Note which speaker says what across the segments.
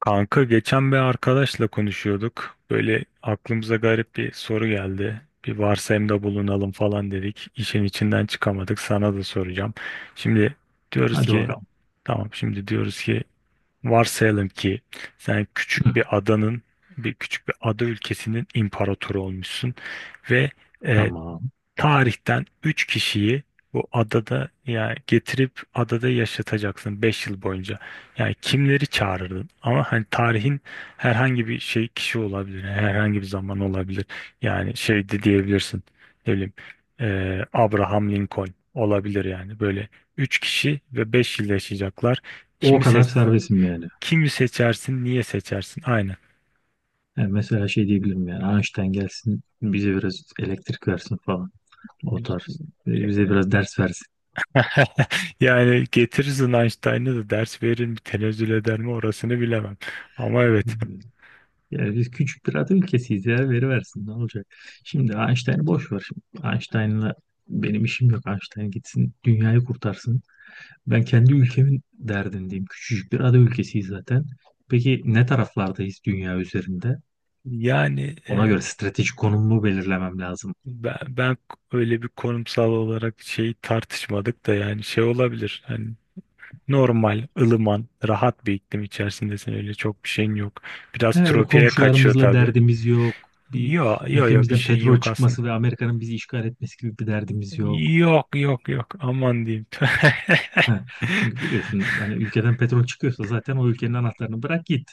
Speaker 1: Kanka geçen bir arkadaşla konuşuyorduk. Böyle aklımıza garip bir soru geldi. Bir varsayımda bulunalım falan dedik. İşin içinden çıkamadık. Sana da soracağım. Şimdi diyoruz
Speaker 2: Hadi
Speaker 1: ki
Speaker 2: bakalım.
Speaker 1: Tamam, şimdi diyoruz ki, varsayalım ki sen
Speaker 2: Hı,
Speaker 1: küçük bir adanın bir küçük bir ada ülkesinin imparatoru olmuşsun ve e,
Speaker 2: tamam.
Speaker 1: tarihten 3 kişiyi bu adada yani getirip adada yaşatacaksın 5 yıl boyunca. Yani kimleri çağırırdın? Ama hani tarihin herhangi bir kişi olabilir. Herhangi bir zaman olabilir. Yani şey de diyebilirsin. Ne bileyim, Abraham Lincoln olabilir yani. Böyle 3 kişi ve 5 yıl yaşayacaklar.
Speaker 2: O
Speaker 1: Kimi
Speaker 2: kadar
Speaker 1: seç
Speaker 2: serbestim yani.
Speaker 1: Kimi seçersin, niye seçersin?
Speaker 2: Yani mesela şey diyebilirim yani Einstein gelsin bize biraz elektrik versin falan. O
Speaker 1: Aynen.
Speaker 2: tarz. Bize biraz ders versin.
Speaker 1: Yani getirirsin, Einstein'ı da ders verir mi, tenezzül eder mi, orasını bilemem. Ama evet.
Speaker 2: Yani biz küçük bir ada ülkesiyiz ya veri versin ne olacak. Şimdi Einstein'ı boş ver. Şimdi Einstein'la benim işim yok. Einstein gitsin dünyayı kurtarsın. Ben kendi ülkemin derdindeyim. Küçücük bir ada ülkesiyiz zaten. Peki ne taraflardayız dünya üzerinde?
Speaker 1: Yani
Speaker 2: Ona göre stratejik konumumu belirlemem lazım.
Speaker 1: ben öyle bir konumsal olarak tartışmadık da, yani şey olabilir. Hani normal, ılıman, rahat bir iklim içerisindesin. Öyle çok bir şeyin yok.
Speaker 2: He,
Speaker 1: Biraz
Speaker 2: öyle
Speaker 1: tropiye kaçıyor
Speaker 2: komşularımızla
Speaker 1: tabii.
Speaker 2: derdimiz yok. Bir
Speaker 1: Yo yo yo, bir
Speaker 2: ülkemizden
Speaker 1: şeyin
Speaker 2: petrol
Speaker 1: yok aslında.
Speaker 2: çıkması ve Amerika'nın bizi işgal etmesi gibi bir derdimiz yok.
Speaker 1: Yok yok yok, aman diyeyim.
Speaker 2: He, çünkü biliyorsun hani ülkeden petrol çıkıyorsa zaten o ülkenin anahtarını bırak git.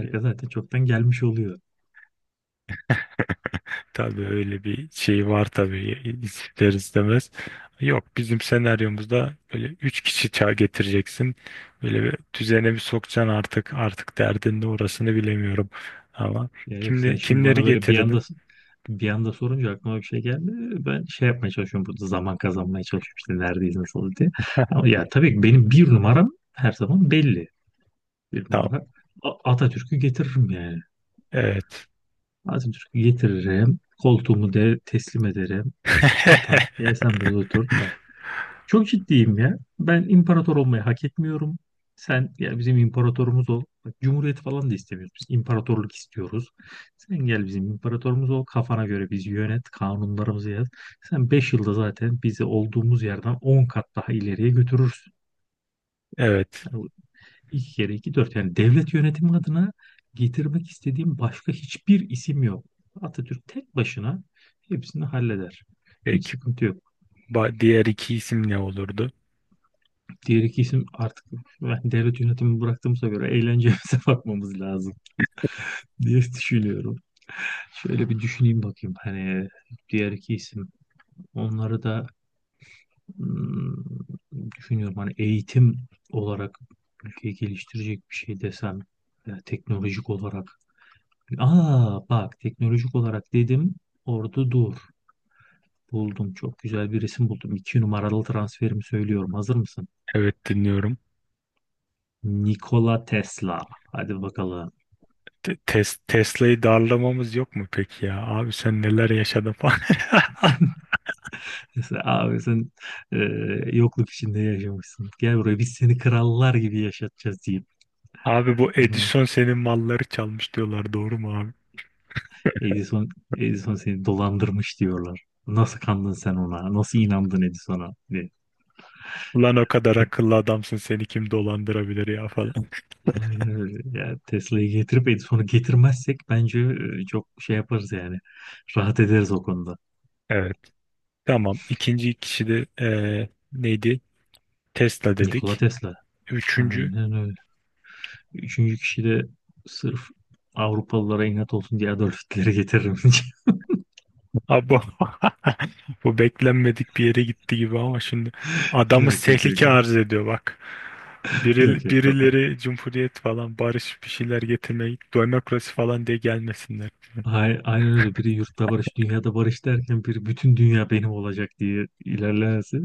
Speaker 2: zaten çoktan gelmiş oluyor.
Speaker 1: Tabii öyle bir şey var tabii, ister istemez. Yok, bizim senaryomuzda böyle üç kişi getireceksin. Böyle bir düzene bir sokacaksın, artık derdin de orasını bilemiyorum. Ama
Speaker 2: Ya yok sen şimdi
Speaker 1: kimleri
Speaker 2: bana böyle bir anda
Speaker 1: getirirdin?
Speaker 2: bir anda sorunca aklıma bir şey geldi. Ben şey yapmaya çalışıyorum burada, zaman kazanmaya çalışıyorum, işte neredeyiz nasıl diye. Ama ya tabii ki benim bir numaram her zaman belli. Bir
Speaker 1: Tamam.
Speaker 2: numara Atatürk'ü getiririm yani.
Speaker 1: Evet.
Speaker 2: Atatürk'ü getiririm. Koltuğumu de teslim ederim. Atam gel sen burada otur. Bak, çok ciddiyim ya. Ben imparator olmayı hak etmiyorum. Sen gel bizim imparatorumuz ol. Bak, cumhuriyet falan da istemiyoruz. Biz imparatorluk istiyoruz. Sen gel bizim imparatorumuz ol. Kafana göre bizi yönet. Kanunlarımızı yaz. Sen 5 yılda zaten bizi olduğumuz yerden 10 kat daha ileriye götürürsün.
Speaker 1: Evet.
Speaker 2: Yani İki kere iki dört. Yani devlet yönetimi adına getirmek istediğim başka hiçbir isim yok. Atatürk tek başına hepsini halleder. Hiç
Speaker 1: Peki.
Speaker 2: sıkıntı yok.
Speaker 1: Diğer iki isim ne olurdu?
Speaker 2: Diğer iki isim artık, ben devlet yönetimi bıraktığımıza göre, eğlencemize bakmamız lazım diye düşünüyorum. Şöyle bir düşüneyim bakayım. Hani diğer iki isim, onları da hmm, düşünüyorum. Hani eğitim olarak ülkeyi geliştirecek bir şey desem, teknolojik olarak... Aa bak, teknolojik olarak dedim, orada dur. Buldum, çok güzel bir resim buldum. İki numaralı transferimi söylüyorum. Hazır mısın?
Speaker 1: Evet, dinliyorum.
Speaker 2: Nikola Tesla. Hadi bakalım.
Speaker 1: Tesla'yı darlamamız yok mu peki ya? Abi sen neler yaşadın falan.
Speaker 2: Mesela abi sen e, yokluk içinde yaşamışsın. Gel buraya, biz seni krallar gibi yaşatacağız deyip.
Speaker 1: Abi, bu
Speaker 2: Onu...
Speaker 1: Edison senin malları çalmış diyorlar, doğru mu abi?
Speaker 2: Edison, Edison seni dolandırmış diyorlar. Nasıl kandın sen ona? Nasıl inandın Edison'a? Diye.
Speaker 1: Ulan, o kadar akıllı adamsın, seni kim dolandırabilir ya falan.
Speaker 2: Aynen öyle. Ya Tesla'yı getirip Edison'u getirmezsek bence çok şey yaparız yani. Rahat ederiz o konuda.
Speaker 1: Evet. Tamam. İkinci kişi de neydi? Tesla
Speaker 2: Nikola
Speaker 1: dedik.
Speaker 2: Tesla.
Speaker 1: Üçüncü.
Speaker 2: Aynen öyle. Üçüncü kişi de sırf Avrupalılara inat olsun diye Adolf Hitler'i getiririm.
Speaker 1: Abi bu bu beklenmedik bir yere gitti gibi ama şimdi adamız
Speaker 2: Yok yok
Speaker 1: tehlike
Speaker 2: yok.
Speaker 1: arz ediyor, bak.
Speaker 2: Yok
Speaker 1: Biri,
Speaker 2: yok.
Speaker 1: birileri cumhuriyet falan, barış bir şeyler getirmeyi, demokrasi falan diye gelmesinler.
Speaker 2: Aynen öyle. Biri yurtta barış, dünyada barış derken biri bütün dünya benim olacak diye ilerlerse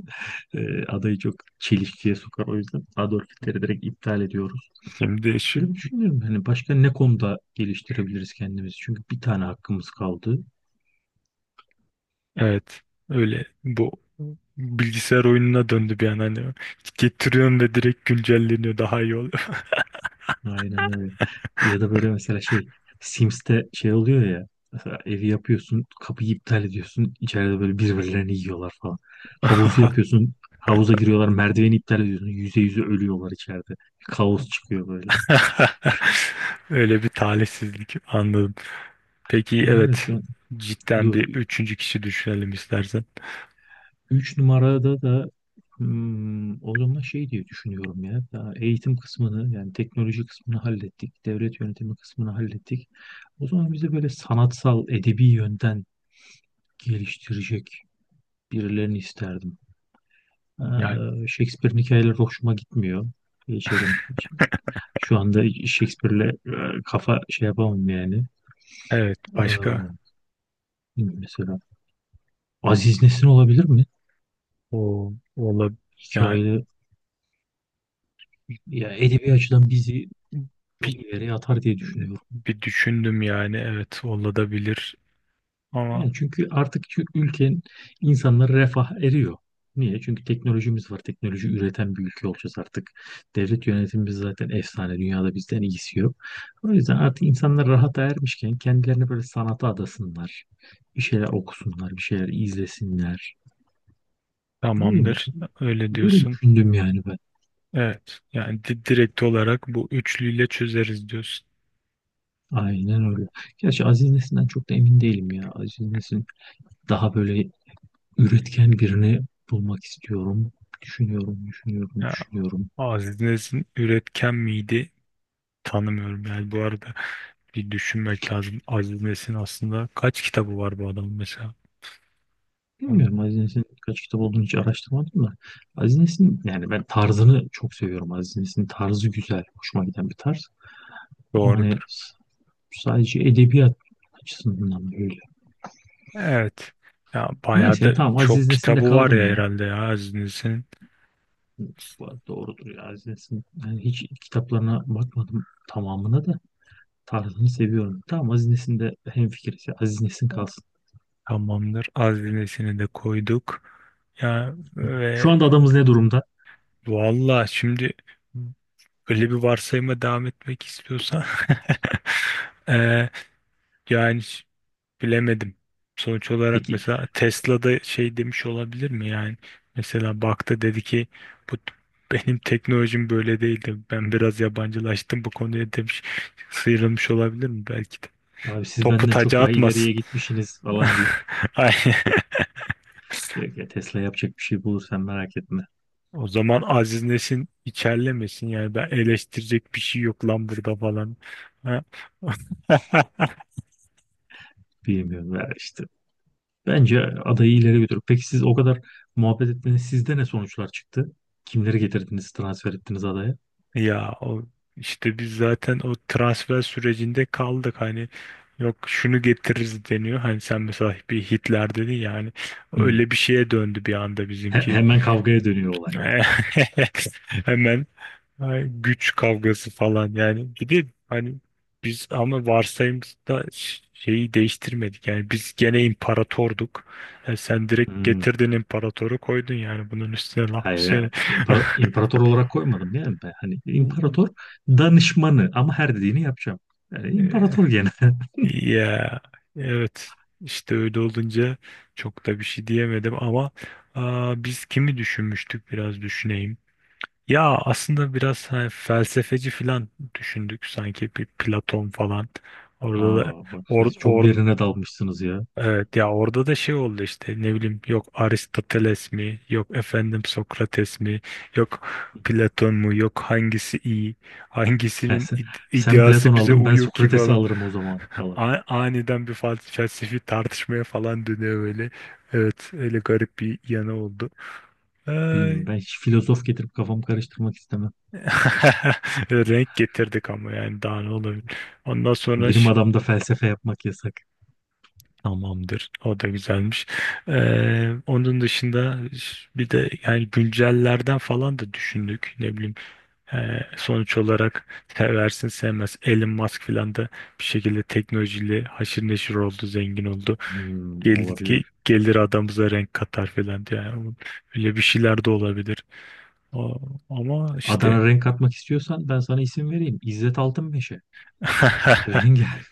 Speaker 2: adayı çok çelişkiye sokar. O yüzden Adolf Hitler'i direkt iptal ediyorum.
Speaker 1: Şimdi şu,
Speaker 2: Şöyle bir düşünüyorum, hani başka ne konuda geliştirebiliriz kendimizi? Çünkü bir tane hakkımız kaldı.
Speaker 1: evet, öyle, bu bilgisayar oyununa döndü bir an hani, getiriyorum ve direkt güncelleniyor, daha iyi oluyor.
Speaker 2: Aynen öyle. Ya da böyle mesela şey, Sims'te şey oluyor ya, mesela evi yapıyorsun, kapıyı iptal ediyorsun, içeride böyle birbirlerini yiyorlar falan. Havuzu yapıyorsun, havuza giriyorlar, merdiveni iptal ediyorsun, yüze yüze ölüyorlar içeride. Bir kaos çıkıyor böyle.
Speaker 1: Öyle bir talihsizlik, anladım. Peki,
Speaker 2: Aynen öyle
Speaker 1: evet,
Speaker 2: şu an.
Speaker 1: cidden
Speaker 2: Dur,
Speaker 1: bir üçüncü kişi düşünelim istersen.
Speaker 2: üç numarada da o zaman şey diye düşünüyorum ya. Daha eğitim kısmını, yani teknoloji kısmını hallettik. Devlet yönetimi kısmını hallettik. O zaman bize böyle sanatsal, edebi yönden geliştirecek birilerini isterdim.
Speaker 1: Yani
Speaker 2: Shakespeare'in hikayeleri hoşuma gitmiyor. Geçelim. Şu anda Shakespeare'le kafa şey yapamam yani.
Speaker 1: evet, başka.
Speaker 2: Ee, mesela Aziz Nesin olabilir mi?
Speaker 1: O ola Yani
Speaker 2: Hikayeleri, ya edebi açıdan bizi çok
Speaker 1: bir,
Speaker 2: ileriye atar diye düşünüyorum.
Speaker 1: bir düşündüm, yani evet olabilir ama.
Speaker 2: Yani çünkü artık şu ülkenin insanları refah eriyor. Niye? Çünkü teknolojimiz var. Teknoloji üreten bir ülke olacağız artık. Devlet yönetimimiz zaten efsane. Dünyada bizden iyisi yok. O yüzden artık insanlar rahata ermişken kendilerini böyle sanata adasınlar. Bir şeyler okusunlar, bir şeyler izlesinler. Ne bileyim,
Speaker 1: Tamamdır, öyle
Speaker 2: böyle
Speaker 1: diyorsun.
Speaker 2: düşündüm yani ben.
Speaker 1: Evet, yani direkt olarak bu üçlüyle çözeriz diyorsun.
Speaker 2: Aynen öyle. Gerçi Aziz Nesin'den çok da emin değilim ya. Aziz Nesin... daha böyle üretken birini bulmak istiyorum. Düşünüyorum, düşünüyorum,
Speaker 1: Ya,
Speaker 2: düşünüyorum.
Speaker 1: Aziz Nesin üretken miydi? Tanımıyorum yani, bu arada. Bir düşünmek lazım. Aziz Nesin aslında kaç kitabı var bu adamın mesela? Hı.
Speaker 2: Bilmiyorum Aziz Nesin'in kaç kitap olduğunu, hiç araştırmadım da. Aziz Nesin, yani ben tarzını çok seviyorum. Aziz Nesin'in tarzı güzel, hoşuma giden bir tarz. Ama
Speaker 1: Doğrudur.
Speaker 2: hani sadece edebiyat açısından da öyle.
Speaker 1: Evet. Ya bayağı
Speaker 2: Neyse,
Speaker 1: da
Speaker 2: tamam,
Speaker 1: çok
Speaker 2: Aziz Nesin'de
Speaker 1: kitabı var
Speaker 2: kaldım
Speaker 1: ya,
Speaker 2: ya.
Speaker 1: herhalde ya, Aziz Nesin'in.
Speaker 2: Bu arada doğrudur ya Aziz Nesin. Yani hiç kitaplarına bakmadım tamamına da, tarzını seviyorum. Tamam, Aziz Nesin'de hemfikiriz ya. Aziz Nesin kalsın.
Speaker 1: Tamamdır. Aziz Nesin'i de koyduk. Ya ve
Speaker 2: Şu anda adamız ne durumda?
Speaker 1: valla şimdi, böyle bir varsayıma devam etmek istiyorsan eee, yani, bilemedim. Sonuç olarak
Speaker 2: Peki,
Speaker 1: mesela Tesla'da şey demiş olabilir mi yani? Mesela baktı, dedi ki, bu t- benim teknolojim böyle değildi. Ben biraz yabancılaştım bu konuya demiş. Sıyrılmış olabilir mi belki de.
Speaker 2: abi siz
Speaker 1: Topu
Speaker 2: benden çok
Speaker 1: taca
Speaker 2: daha
Speaker 1: atmasın.
Speaker 2: ileriye gitmişsiniz falan deyip...
Speaker 1: Ay.
Speaker 2: Yok ya Tesla, yapacak bir şey bulursan merak etme.
Speaker 1: O zaman Aziz Nesin içerlemesin yani, ben eleştirecek bir şey yok lan burada falan. Ha?
Speaker 2: Bilmiyorum ya işte. Bence adayı ileri götür. Peki siz o kadar muhabbet ettiniz. Sizde ne sonuçlar çıktı? Kimleri getirdiniz, transfer ettiniz adaya?
Speaker 1: Ya o işte, biz zaten o transfer sürecinde kaldık hani, yok şunu getiririz deniyor. Hani sen mesela bir Hitler dedin ya hani,
Speaker 2: Hmm.
Speaker 1: öyle bir şeye döndü bir anda bizimki.
Speaker 2: Hemen kavgaya dönüyor olay.
Speaker 1: Hemen, ay, güç kavgası falan yani. Bir de hani biz, ama varsayımda şeyi değiştirmedik. Yani biz gene imparatorduk. Sen direkt
Speaker 2: Hmm.
Speaker 1: getirdin, imparatoru koydun yani, bunun üstüne laf mı
Speaker 2: Hayır,
Speaker 1: söyle-
Speaker 2: imparator olarak koymadım yani ben. Hani imparator danışmanı, ama her dediğini yapacağım. Yani imparator gene.
Speaker 1: Ya evet işte, öyle olunca çok da bir şey diyemedim, ama biz kimi düşünmüştük, biraz düşüneyim. Ya aslında biraz hani felsefeci falan düşündük sanki, bir Platon falan. Orada da
Speaker 2: Aa, bak
Speaker 1: or,
Speaker 2: siz çok
Speaker 1: or-
Speaker 2: derine dalmışsınız ya.
Speaker 1: evet, ya orada da şey oldu işte, ne bileyim, yok Aristoteles mi, yok efendim Sokrates mi, yok Platon mu, yok hangisi iyi,
Speaker 2: Yani
Speaker 1: hangisinin
Speaker 2: sen, sen Platon
Speaker 1: ideası bize
Speaker 2: aldın, ben
Speaker 1: uyuyor ki
Speaker 2: Sokrates'i
Speaker 1: falan.
Speaker 2: alırım o zaman falan.
Speaker 1: Aniden bir felsefi tartışmaya falan dönüyor böyle. Evet, öyle garip bir yanı oldu.
Speaker 2: Bilmiyorum,
Speaker 1: Ay.
Speaker 2: ben hiç filozof getirip kafamı karıştırmak istemem.
Speaker 1: Renk getirdik ama, yani daha ne olabilir. Ondan sonra
Speaker 2: Benim
Speaker 1: şey.
Speaker 2: adamda felsefe yapmak yasak.
Speaker 1: Tamamdır. O da güzelmiş. Onun dışında bir de yani güncellerden falan da düşündük. Ne bileyim, sonuç olarak seversin sevmez. Elon Musk falan da bir şekilde teknolojiyle haşır neşir oldu, zengin oldu. Gelir,
Speaker 2: Olabilir.
Speaker 1: ki gelir adamıza renk katar falan diye. Yani öyle bir şeyler de olabilir. O- Ama işte
Speaker 2: Adana renk atmak istiyorsan ben sana isim vereyim. İzzet Altınmeşe. Rengar.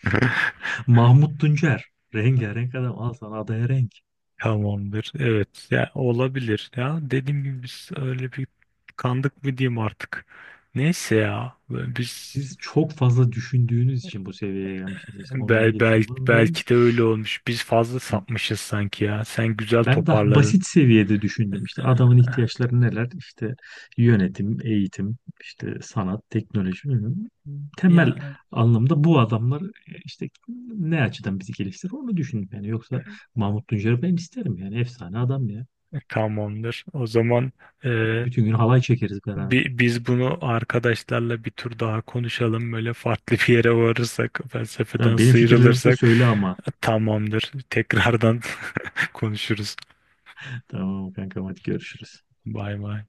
Speaker 2: Mahmut Tuncer. Rengarenk adam. Al sana adaya renk.
Speaker 1: Tamamdır. Evet. Ya olabilir. Ya dediğim gibi biz öyle bir, kandık mı diyeyim artık. Neyse ya. Biz
Speaker 2: Siz çok fazla düşündüğünüz için bu seviyeye gelmişsiniz. İşte onu mu getireyim, bunu mu getireyim.
Speaker 1: belki de öyle olmuş. Biz fazla sapmışız sanki ya. Sen güzel
Speaker 2: Ben daha
Speaker 1: toparladın.
Speaker 2: basit seviyede düşündüm, işte adamın ihtiyaçları neler, işte yönetim, eğitim, işte sanat, teknoloji bilmem.
Speaker 1: Ya
Speaker 2: Temel anlamda bu adamlar işte ne açıdan bizi geliştirir onu düşündüm yani, yoksa Mahmut Tuncer'i ben isterim yani, efsane adam ya.
Speaker 1: tamamdır. O zaman e,
Speaker 2: Bütün gün halay çekeriz beraber.
Speaker 1: biz bunu arkadaşlarla bir tur daha konuşalım. Böyle farklı bir yere varırsak, felsefeden
Speaker 2: Tamam, benim fikirlerimi de
Speaker 1: sıyrılırsak,
Speaker 2: söyle ama.
Speaker 1: tamamdır. Tekrardan konuşuruz.
Speaker 2: Tamam kankam, hadi görüşürüz.
Speaker 1: Bay bay.